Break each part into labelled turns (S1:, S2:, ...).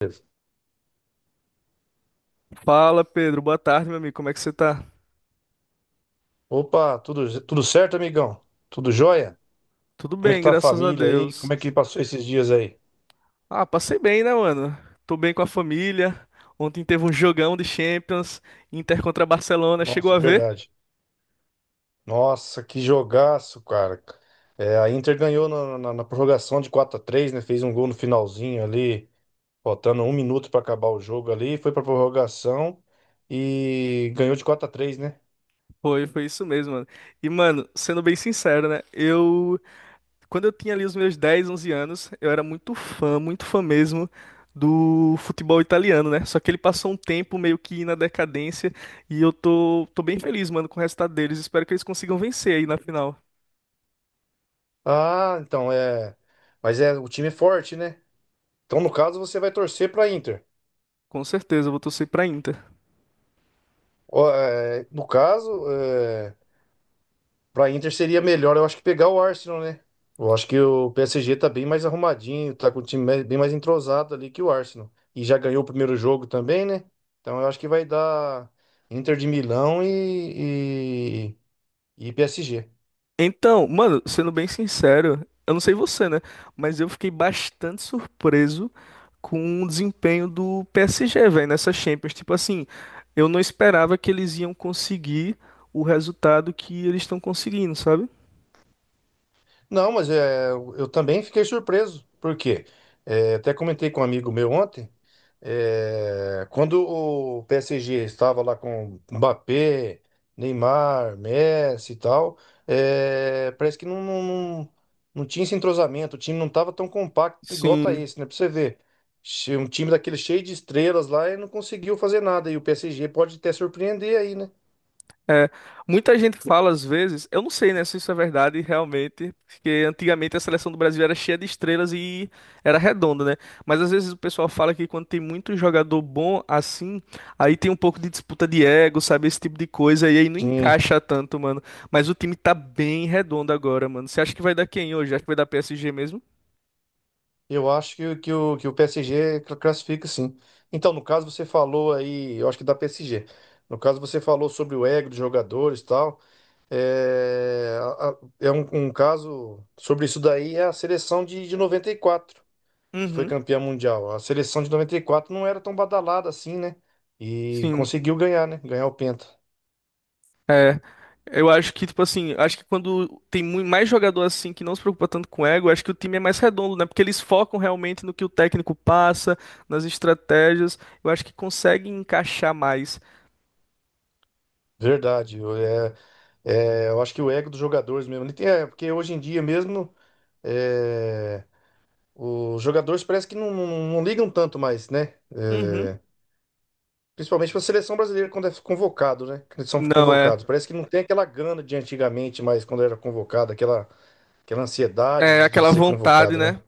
S1: Beleza.
S2: Fala, Pedro. Boa tarde, meu amigo. Como é que você tá?
S1: Opa, tudo certo, amigão? Tudo jóia?
S2: Tudo
S1: Como é que
S2: bem,
S1: tá a
S2: graças a
S1: família aí?
S2: Deus.
S1: Como é que passou esses dias aí?
S2: Ah, passei bem, né, mano? Tô bem com a família. Ontem teve um jogão de Champions, Inter contra Barcelona. Chegou
S1: Nossa,
S2: a ver?
S1: verdade. Nossa, que jogaço, cara. É, a Inter ganhou na prorrogação de 4-3, né? Fez um gol no finalzinho ali, faltando 1 minuto pra acabar o jogo ali. Foi pra prorrogação e ganhou de 4-3, né?
S2: Foi isso mesmo, mano. E, mano, sendo bem sincero, né? Eu, quando eu tinha ali os meus 10, 11 anos, eu era muito fã mesmo do futebol italiano, né? Só que ele passou um tempo meio que na decadência e eu tô bem feliz, mano, com o resultado deles. Espero que eles consigam vencer aí na final.
S1: Ah, então é. Mas é, o time é forte, né? Então, no caso, você vai torcer pra Inter.
S2: Com certeza, eu vou torcer pra Inter.
S1: Ó, é, no caso, é, pra Inter seria melhor, eu acho que pegar o Arsenal, né? Eu acho que o PSG tá bem mais arrumadinho, tá com o time bem mais entrosado ali que o Arsenal. E já ganhou o primeiro jogo também, né? Então eu acho que vai dar Inter de Milão e PSG.
S2: Então, mano, sendo bem sincero, eu não sei você, né? Mas eu fiquei bastante surpreso com o desempenho do PSG, velho, nessa Champions. Tipo assim, eu não esperava que eles iam conseguir o resultado que eles estão conseguindo, sabe?
S1: Não, mas é, eu também fiquei surpreso, porque até comentei com um amigo meu ontem. É, quando o PSG estava lá com Mbappé, Neymar, Messi e tal, é, parece que não tinha esse entrosamento, o time não estava tão compacto igual tá
S2: Sim.
S1: esse, né? Pra você ver. Um time daquele cheio de estrelas lá e não conseguiu fazer nada. E o PSG pode até surpreender aí, né?
S2: É, muita gente fala às vezes, eu não sei, né, se isso é verdade realmente, porque antigamente a seleção do Brasil era cheia de estrelas e era redonda, né? Mas às vezes o pessoal fala que quando tem muito jogador bom assim, aí tem um pouco de disputa de ego, sabe, esse tipo de coisa, e aí não
S1: Sim.
S2: encaixa tanto, mano. Mas o time tá bem redondo agora, mano. Você acha que vai dar quem hoje? Acha que vai dar PSG mesmo?
S1: Eu acho que o PSG classifica sim. Então, no caso, você falou aí, eu acho que da PSG. No caso, você falou sobre o ego dos jogadores e tal. É, é um caso sobre isso daí é a seleção de 94, que foi
S2: Uhum,
S1: campeã mundial. A seleção de 94 não era tão badalada assim, né? E
S2: sim.
S1: conseguiu ganhar, né? Ganhar o Penta.
S2: É, eu acho que, tipo assim, acho que quando tem mais jogador assim que não se preocupa tanto com ego, acho que o time é mais redondo, né? Porque eles focam realmente no que o técnico passa, nas estratégias. Eu acho que conseguem encaixar mais.
S1: Verdade. Eu acho que o ego dos jogadores mesmo. É, porque hoje em dia mesmo. é, Os jogadores parece que não ligam tanto mais, né?
S2: Uhum.
S1: É, principalmente para a seleção brasileira quando é convocado, né? Quando eles são
S2: Não é.
S1: convocados. Parece que não tem aquela grana de antigamente, mas quando era convocado, aquela ansiedade
S2: É
S1: de
S2: aquela
S1: ser
S2: vontade,
S1: convocado, né?
S2: né?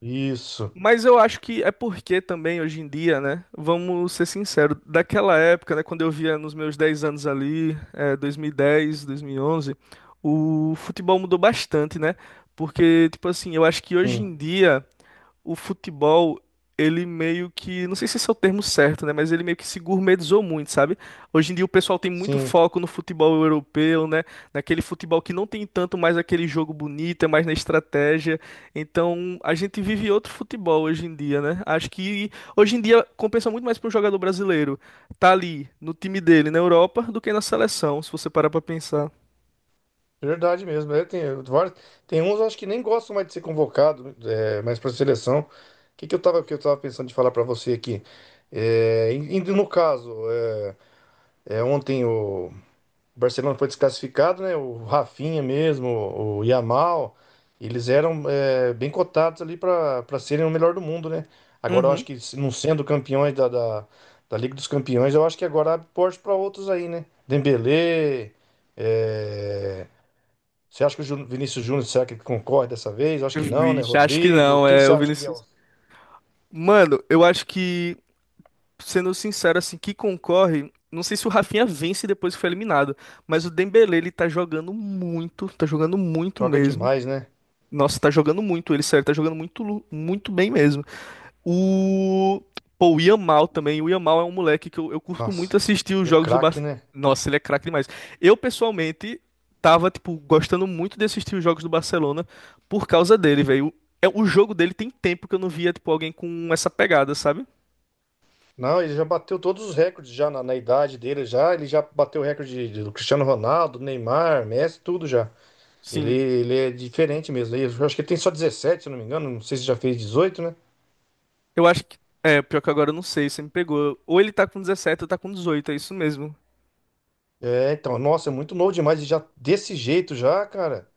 S1: Isso,
S2: Mas eu acho que é porque também hoje em dia, né? Vamos ser sinceros, daquela época, né? Quando eu via nos meus 10 anos ali, 2010, 2011, o futebol mudou bastante, né? Porque, tipo assim, eu acho que hoje
S1: sim,
S2: em dia, o futebol, ele meio que, não sei se esse é o termo certo, né, mas ele meio que se gourmetizou muito, sabe? Hoje em dia o pessoal tem muito
S1: sim.
S2: foco no futebol europeu, né, naquele futebol que não tem tanto mais aquele jogo bonito, é mais na estratégia. Então, a gente vive outro futebol hoje em dia, né? Acho que hoje em dia compensa muito mais para um jogador brasileiro tá ali no time dele na Europa do que na seleção, se você parar para pensar.
S1: Verdade mesmo. É, tem, tem uns, eu acho que nem gostam mais de ser convocado, mas para a seleção. O que, que eu tava pensando de falar para você aqui? É, no caso, ontem o. O Barcelona foi desclassificado, né? O Rafinha mesmo, o Yamal, eles eram bem cotados ali para serem o melhor do mundo, né? Agora eu acho
S2: Uhum.
S1: que se não sendo campeões da Liga dos Campeões, eu acho que agora abre porte para outros aí, né? Dembélé, é, você acha que o Vinícius Júnior será que ele concorre dessa vez? Eu acho que não, né?
S2: Vixe, acho que
S1: Rodrigo,
S2: não,
S1: quem que
S2: é
S1: você
S2: o
S1: acha que é o-?
S2: Vinícius. Mano, eu acho que sendo sincero, assim, que concorre. Não sei se o Rafinha vence depois que foi eliminado, mas o Dembélé, ele tá jogando muito
S1: Joga
S2: mesmo.
S1: demais, né?
S2: Nossa, tá jogando muito, ele, sério, tá jogando muito, muito bem mesmo. O. Pô, o Yamal também. O Yamal é um moleque que eu curto muito
S1: Nossa,
S2: assistir os
S1: é
S2: jogos do
S1: craque,
S2: Barça.
S1: né?
S2: Nossa, ele é craque demais. Eu, pessoalmente, tava, tipo, gostando muito de assistir os jogos do Barcelona por causa dele, velho. É, o jogo dele tem tempo que eu não via, tipo, alguém com essa pegada, sabe?
S1: Não, ele já bateu todos os recordes já na idade dele já. Ele já bateu o recorde do Cristiano Ronaldo, Neymar, Messi, tudo já. Ele,
S2: Sim.
S1: ele é diferente mesmo. Eu acho que ele tem só 17 se eu não me engano. Não sei se já fez 18, né?
S2: Eu acho que. É, pior que agora eu não sei, você me pegou. Ou ele tá com 17 ou tá com 18, é isso mesmo.
S1: É, então, nossa, é muito novo demais. E já desse jeito já, cara.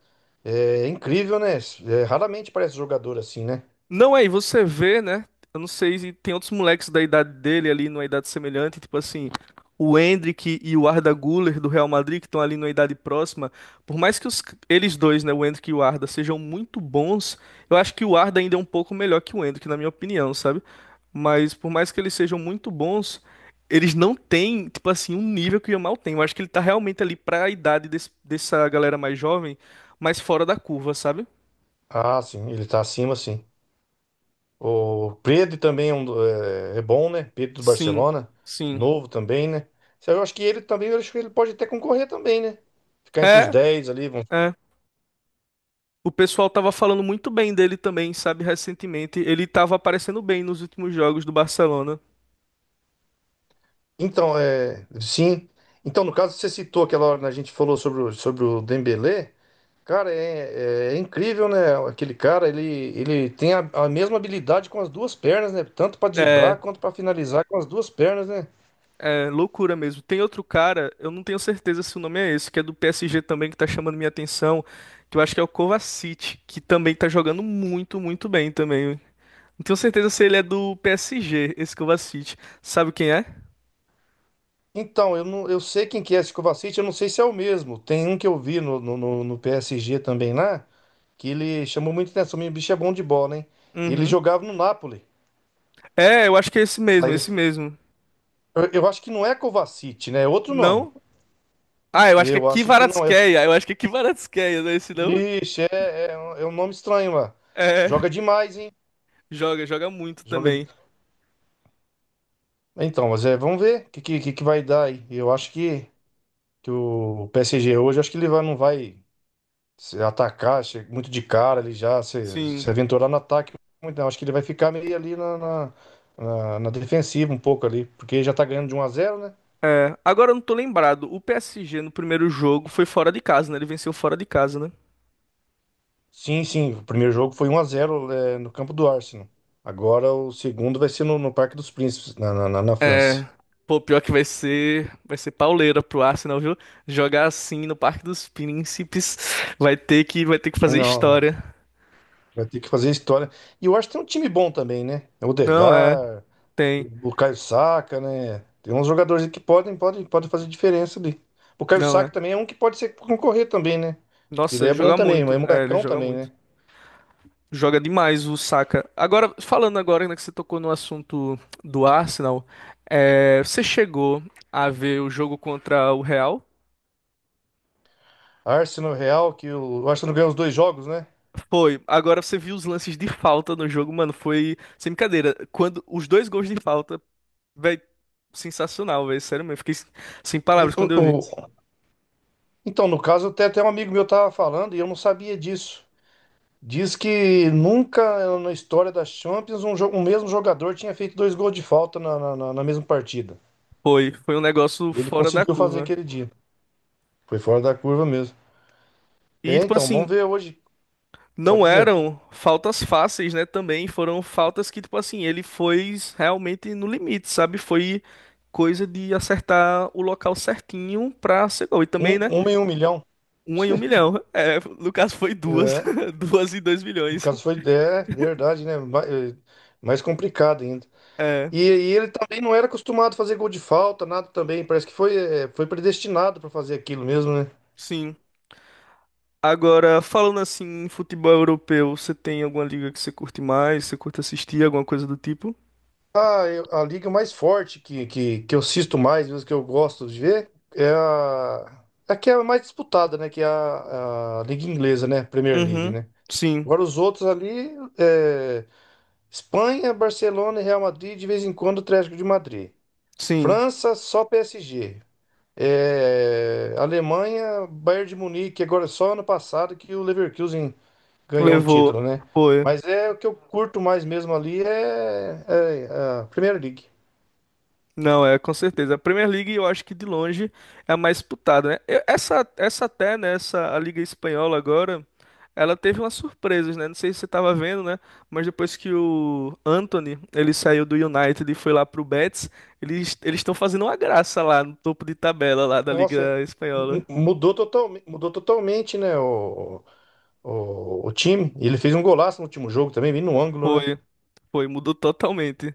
S1: É incrível, né? É, raramente parece jogador assim, né?
S2: Não, aí você vê, né? Eu não sei se tem outros moleques da idade dele ali, numa idade semelhante, tipo assim, o Endrick e o Arda Güler do Real Madrid, que estão ali numa idade próxima. Por mais que eles dois, né, o Endrick e o Arda, sejam muito bons, eu acho que o Arda ainda é um pouco melhor que o Endrick, na minha opinião, sabe? Mas por mais que eles sejam muito bons, eles não têm, tipo assim, um nível que o Yamal tem. Eu acho que ele tá realmente ali pra idade dessa galera mais jovem, mas fora da curva, sabe?
S1: Ah, sim, ele tá acima, sim. O Pedro também é bom, né? Pedro do
S2: Sim,
S1: Barcelona,
S2: sim.
S1: novo também, né? Isso aí. Eu acho que ele também, eu acho que ele pode até concorrer também, né? Ficar entre os
S2: É,
S1: 10 ali.
S2: é, o pessoal tava falando muito bem dele também, sabe, recentemente. Ele tava aparecendo bem nos últimos jogos do Barcelona.
S1: Então, é, sim. Então, no caso, você citou aquela hora que a gente falou sobre o Dembélé. Cara, é incrível, né? Aquele cara, ele tem a mesma habilidade com as duas pernas, né? Tanto para
S2: É,
S1: driblar quanto para finalizar com as duas pernas, né?
S2: é loucura mesmo. Tem outro cara, eu não tenho certeza se o nome é esse, que é do PSG também, que tá chamando minha atenção, que eu acho que é o Kovacic, que também tá jogando muito, muito bem também. Não tenho certeza se ele é do PSG, esse Kovacic. Sabe quem é?
S1: Então, não, eu sei quem que é esse Kovacic, eu não sei se é o mesmo. Tem um que eu vi no PSG também lá, que ele chamou muita atenção. O bicho é bom de bola, hein? Ele
S2: Uhum.
S1: jogava no Napoli.
S2: É, eu acho que é esse mesmo,
S1: Aí ele,
S2: esse mesmo.
S1: eu, eu acho que não é Kovacic, né? É outro nome.
S2: Não? Ah, eu acho que é
S1: Eu acho que não. Eu acho,
S2: Kvaratskhelia. Eu acho que é Kvaratskhelia, não é esse não?
S1: ixi, um é um nome estranho lá.
S2: É.
S1: Joga demais, hein?
S2: Joga muito
S1: Joga.
S2: também.
S1: Então, mas é, vamos ver o que que vai dar aí. Eu acho que o PSG hoje, acho que ele vai, não vai. Se atacar, muito de cara ali já, se
S2: Sim.
S1: aventurar no ataque, muito não. Acho que ele vai ficar meio ali na defensiva um pouco ali, porque já tá ganhando de 1-0, né?
S2: É. Agora eu não tô lembrado. O PSG no primeiro jogo foi fora de casa, né? Ele venceu fora de casa, né?
S1: Sim, sim, o primeiro jogo foi 1-0, no campo do Arsenal. Agora o segundo vai ser no Parque dos Príncipes, na França.
S2: Pô, pior que vai ser pauleira pro Arsenal, viu? Jogar assim no Parque dos Príncipes vai ter que fazer
S1: Não,
S2: história.
S1: vai ter que fazer história. E eu acho que tem um time bom também, né? O
S2: Não é,
S1: Odegaard,
S2: tem.
S1: o Caio Saka, né? Tem uns jogadores aí que podem fazer diferença ali. O Caio
S2: Não é.
S1: Saka também é um que pode ser concorrer também, né? Que
S2: Nossa,
S1: ele
S2: ele
S1: é bom
S2: joga
S1: também, mas é
S2: muito. É, ele
S1: molecão
S2: joga
S1: também,
S2: muito.
S1: né?
S2: Joga demais o Saka. Agora, falando agora, né, que você tocou no assunto do Arsenal, é, você chegou a ver o jogo contra o Real?
S1: Arsenal, Real, que o Arsenal ganhou os dois jogos, né?
S2: Foi. Agora você viu os lances de falta no jogo, mano. Foi sem brincadeira. Quando os dois gols de falta, velho, sensacional, velho. Sério mesmo. Fiquei sem
S1: E
S2: palavras
S1: o-
S2: quando eu vi.
S1: o- então, no caso, até um amigo meu tava falando e eu não sabia disso. Diz que nunca na história da Champions um mesmo jogador tinha feito dois gols de falta na mesma partida.
S2: Foi. Foi um negócio
S1: Ele
S2: fora da
S1: conseguiu fazer
S2: curva.
S1: aquele dia. Foi fora da curva mesmo.
S2: E,
S1: É,
S2: tipo
S1: então, vamos
S2: assim,
S1: ver hoje. Pode
S2: não
S1: dizer.
S2: eram faltas fáceis, né? Também foram faltas que, tipo assim, ele foi realmente no limite, sabe? Foi coisa de acertar o local certinho pra ser gol. E também,
S1: Um,
S2: né?
S1: uma em um milhão.
S2: Um em um milhão. É, no caso foi duas.
S1: É.
S2: Duas em dois
S1: No
S2: milhões.
S1: caso foi. É, verdade, né? Mais complicado ainda.
S2: É,
S1: E ele também não era acostumado a fazer gol de falta, nada também. Parece que foi predestinado para fazer aquilo mesmo, né?
S2: sim. Agora, falando assim, em futebol europeu, você tem alguma liga que você curte mais? Você curte assistir, alguma coisa do tipo?
S1: Ah, a liga mais forte que eu assisto mais, mesmo que eu gosto de ver, é a que é a mais disputada, né? Que é a Liga Inglesa, né? Premier League,
S2: Uhum.
S1: né?
S2: Sim,
S1: Agora os outros ali, é, Espanha, Barcelona e Real Madrid, de vez em quando o Atlético de Madrid.
S2: sim.
S1: França, só PSG. Alemanha, Bayern de Munique. Agora, é só ano passado que o Leverkusen ganhou um
S2: Levou.
S1: título, né?
S2: Foi.
S1: Mas é o que eu curto mais mesmo ali é a Premier League.
S2: Não, é, com certeza. A Premier League, eu acho que de longe é a mais disputada, né? Essa, essa até, né? Essa, a Liga Espanhola agora, ela teve umas surpresas, né? Não sei se você tava vendo, né? Mas depois que o Anthony, ele saiu do United e foi lá pro Betis, eles estão fazendo uma graça lá no topo de tabela lá da
S1: Nossa,
S2: Liga
S1: mu-
S2: Espanhola.
S1: mudou, total, mudou totalmente, né? O time. Ele fez um golaço no último jogo também, bem no ângulo, né?
S2: Foi. Foi, mudou totalmente.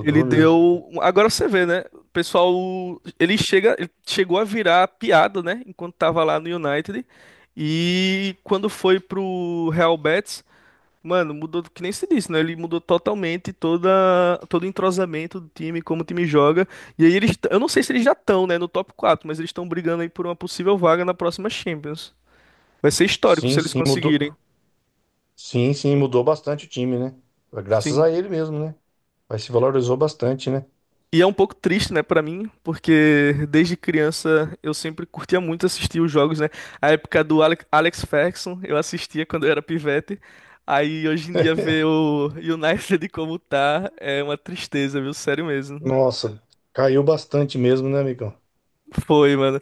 S1: mesmo.
S2: Agora você vê, né? O pessoal. Ele chegou a virar piada, né? Enquanto tava lá no United. E quando foi pro Real Betis, mano, mudou, que nem se disse, né? Ele mudou totalmente todo o entrosamento do time, como o time joga. E aí eles. Eu não sei se eles já estão, né? No top 4, mas eles estão brigando aí por uma possível vaga na próxima Champions. Vai ser histórico se
S1: Sim,
S2: eles
S1: sim, mudou.
S2: conseguirem.
S1: Sim, sim, mudou bastante o time, né? Graças a
S2: Sim.
S1: ele mesmo, né? Mas se valorizou bastante, né?
S2: E é um pouco triste, né, pra mim, porque desde criança eu sempre curtia muito assistir os jogos, né? A época do Alex Ferguson, eu assistia quando eu era pivete. Aí hoje em dia ver o United como tá é uma tristeza, viu? Sério mesmo.
S1: Nossa, caiu bastante mesmo, né, amigão?
S2: Foi, mano.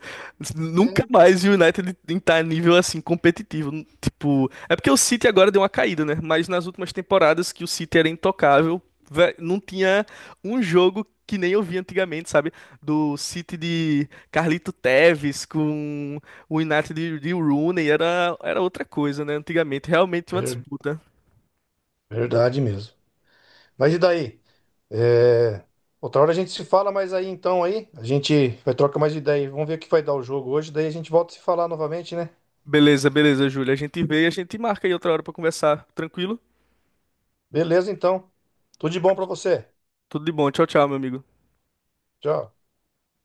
S2: Nunca
S1: É.
S2: mais o United tá nível assim competitivo. Tipo, é porque o City agora deu uma caída, né? Mas nas últimas temporadas que o City era intocável, não tinha um jogo que nem eu vi antigamente, sabe? Do City de Carlito Tevez com o United de Rooney, era outra coisa, né? Antigamente, realmente uma
S1: Ver-
S2: disputa.
S1: Verdade mesmo. Mas e daí? É, Outra hora a gente se fala mais aí então aí. A gente vai trocar mais ideia. Vamos ver o que vai dar o jogo hoje. Daí a gente volta a se falar novamente, né?
S2: Beleza, beleza, Júlia. A gente vê e a gente marca aí outra hora pra conversar. Tranquilo?
S1: Beleza, então. Tudo de bom pra você.
S2: Tudo de bom. Tchau, tchau, meu amigo.
S1: Tchau.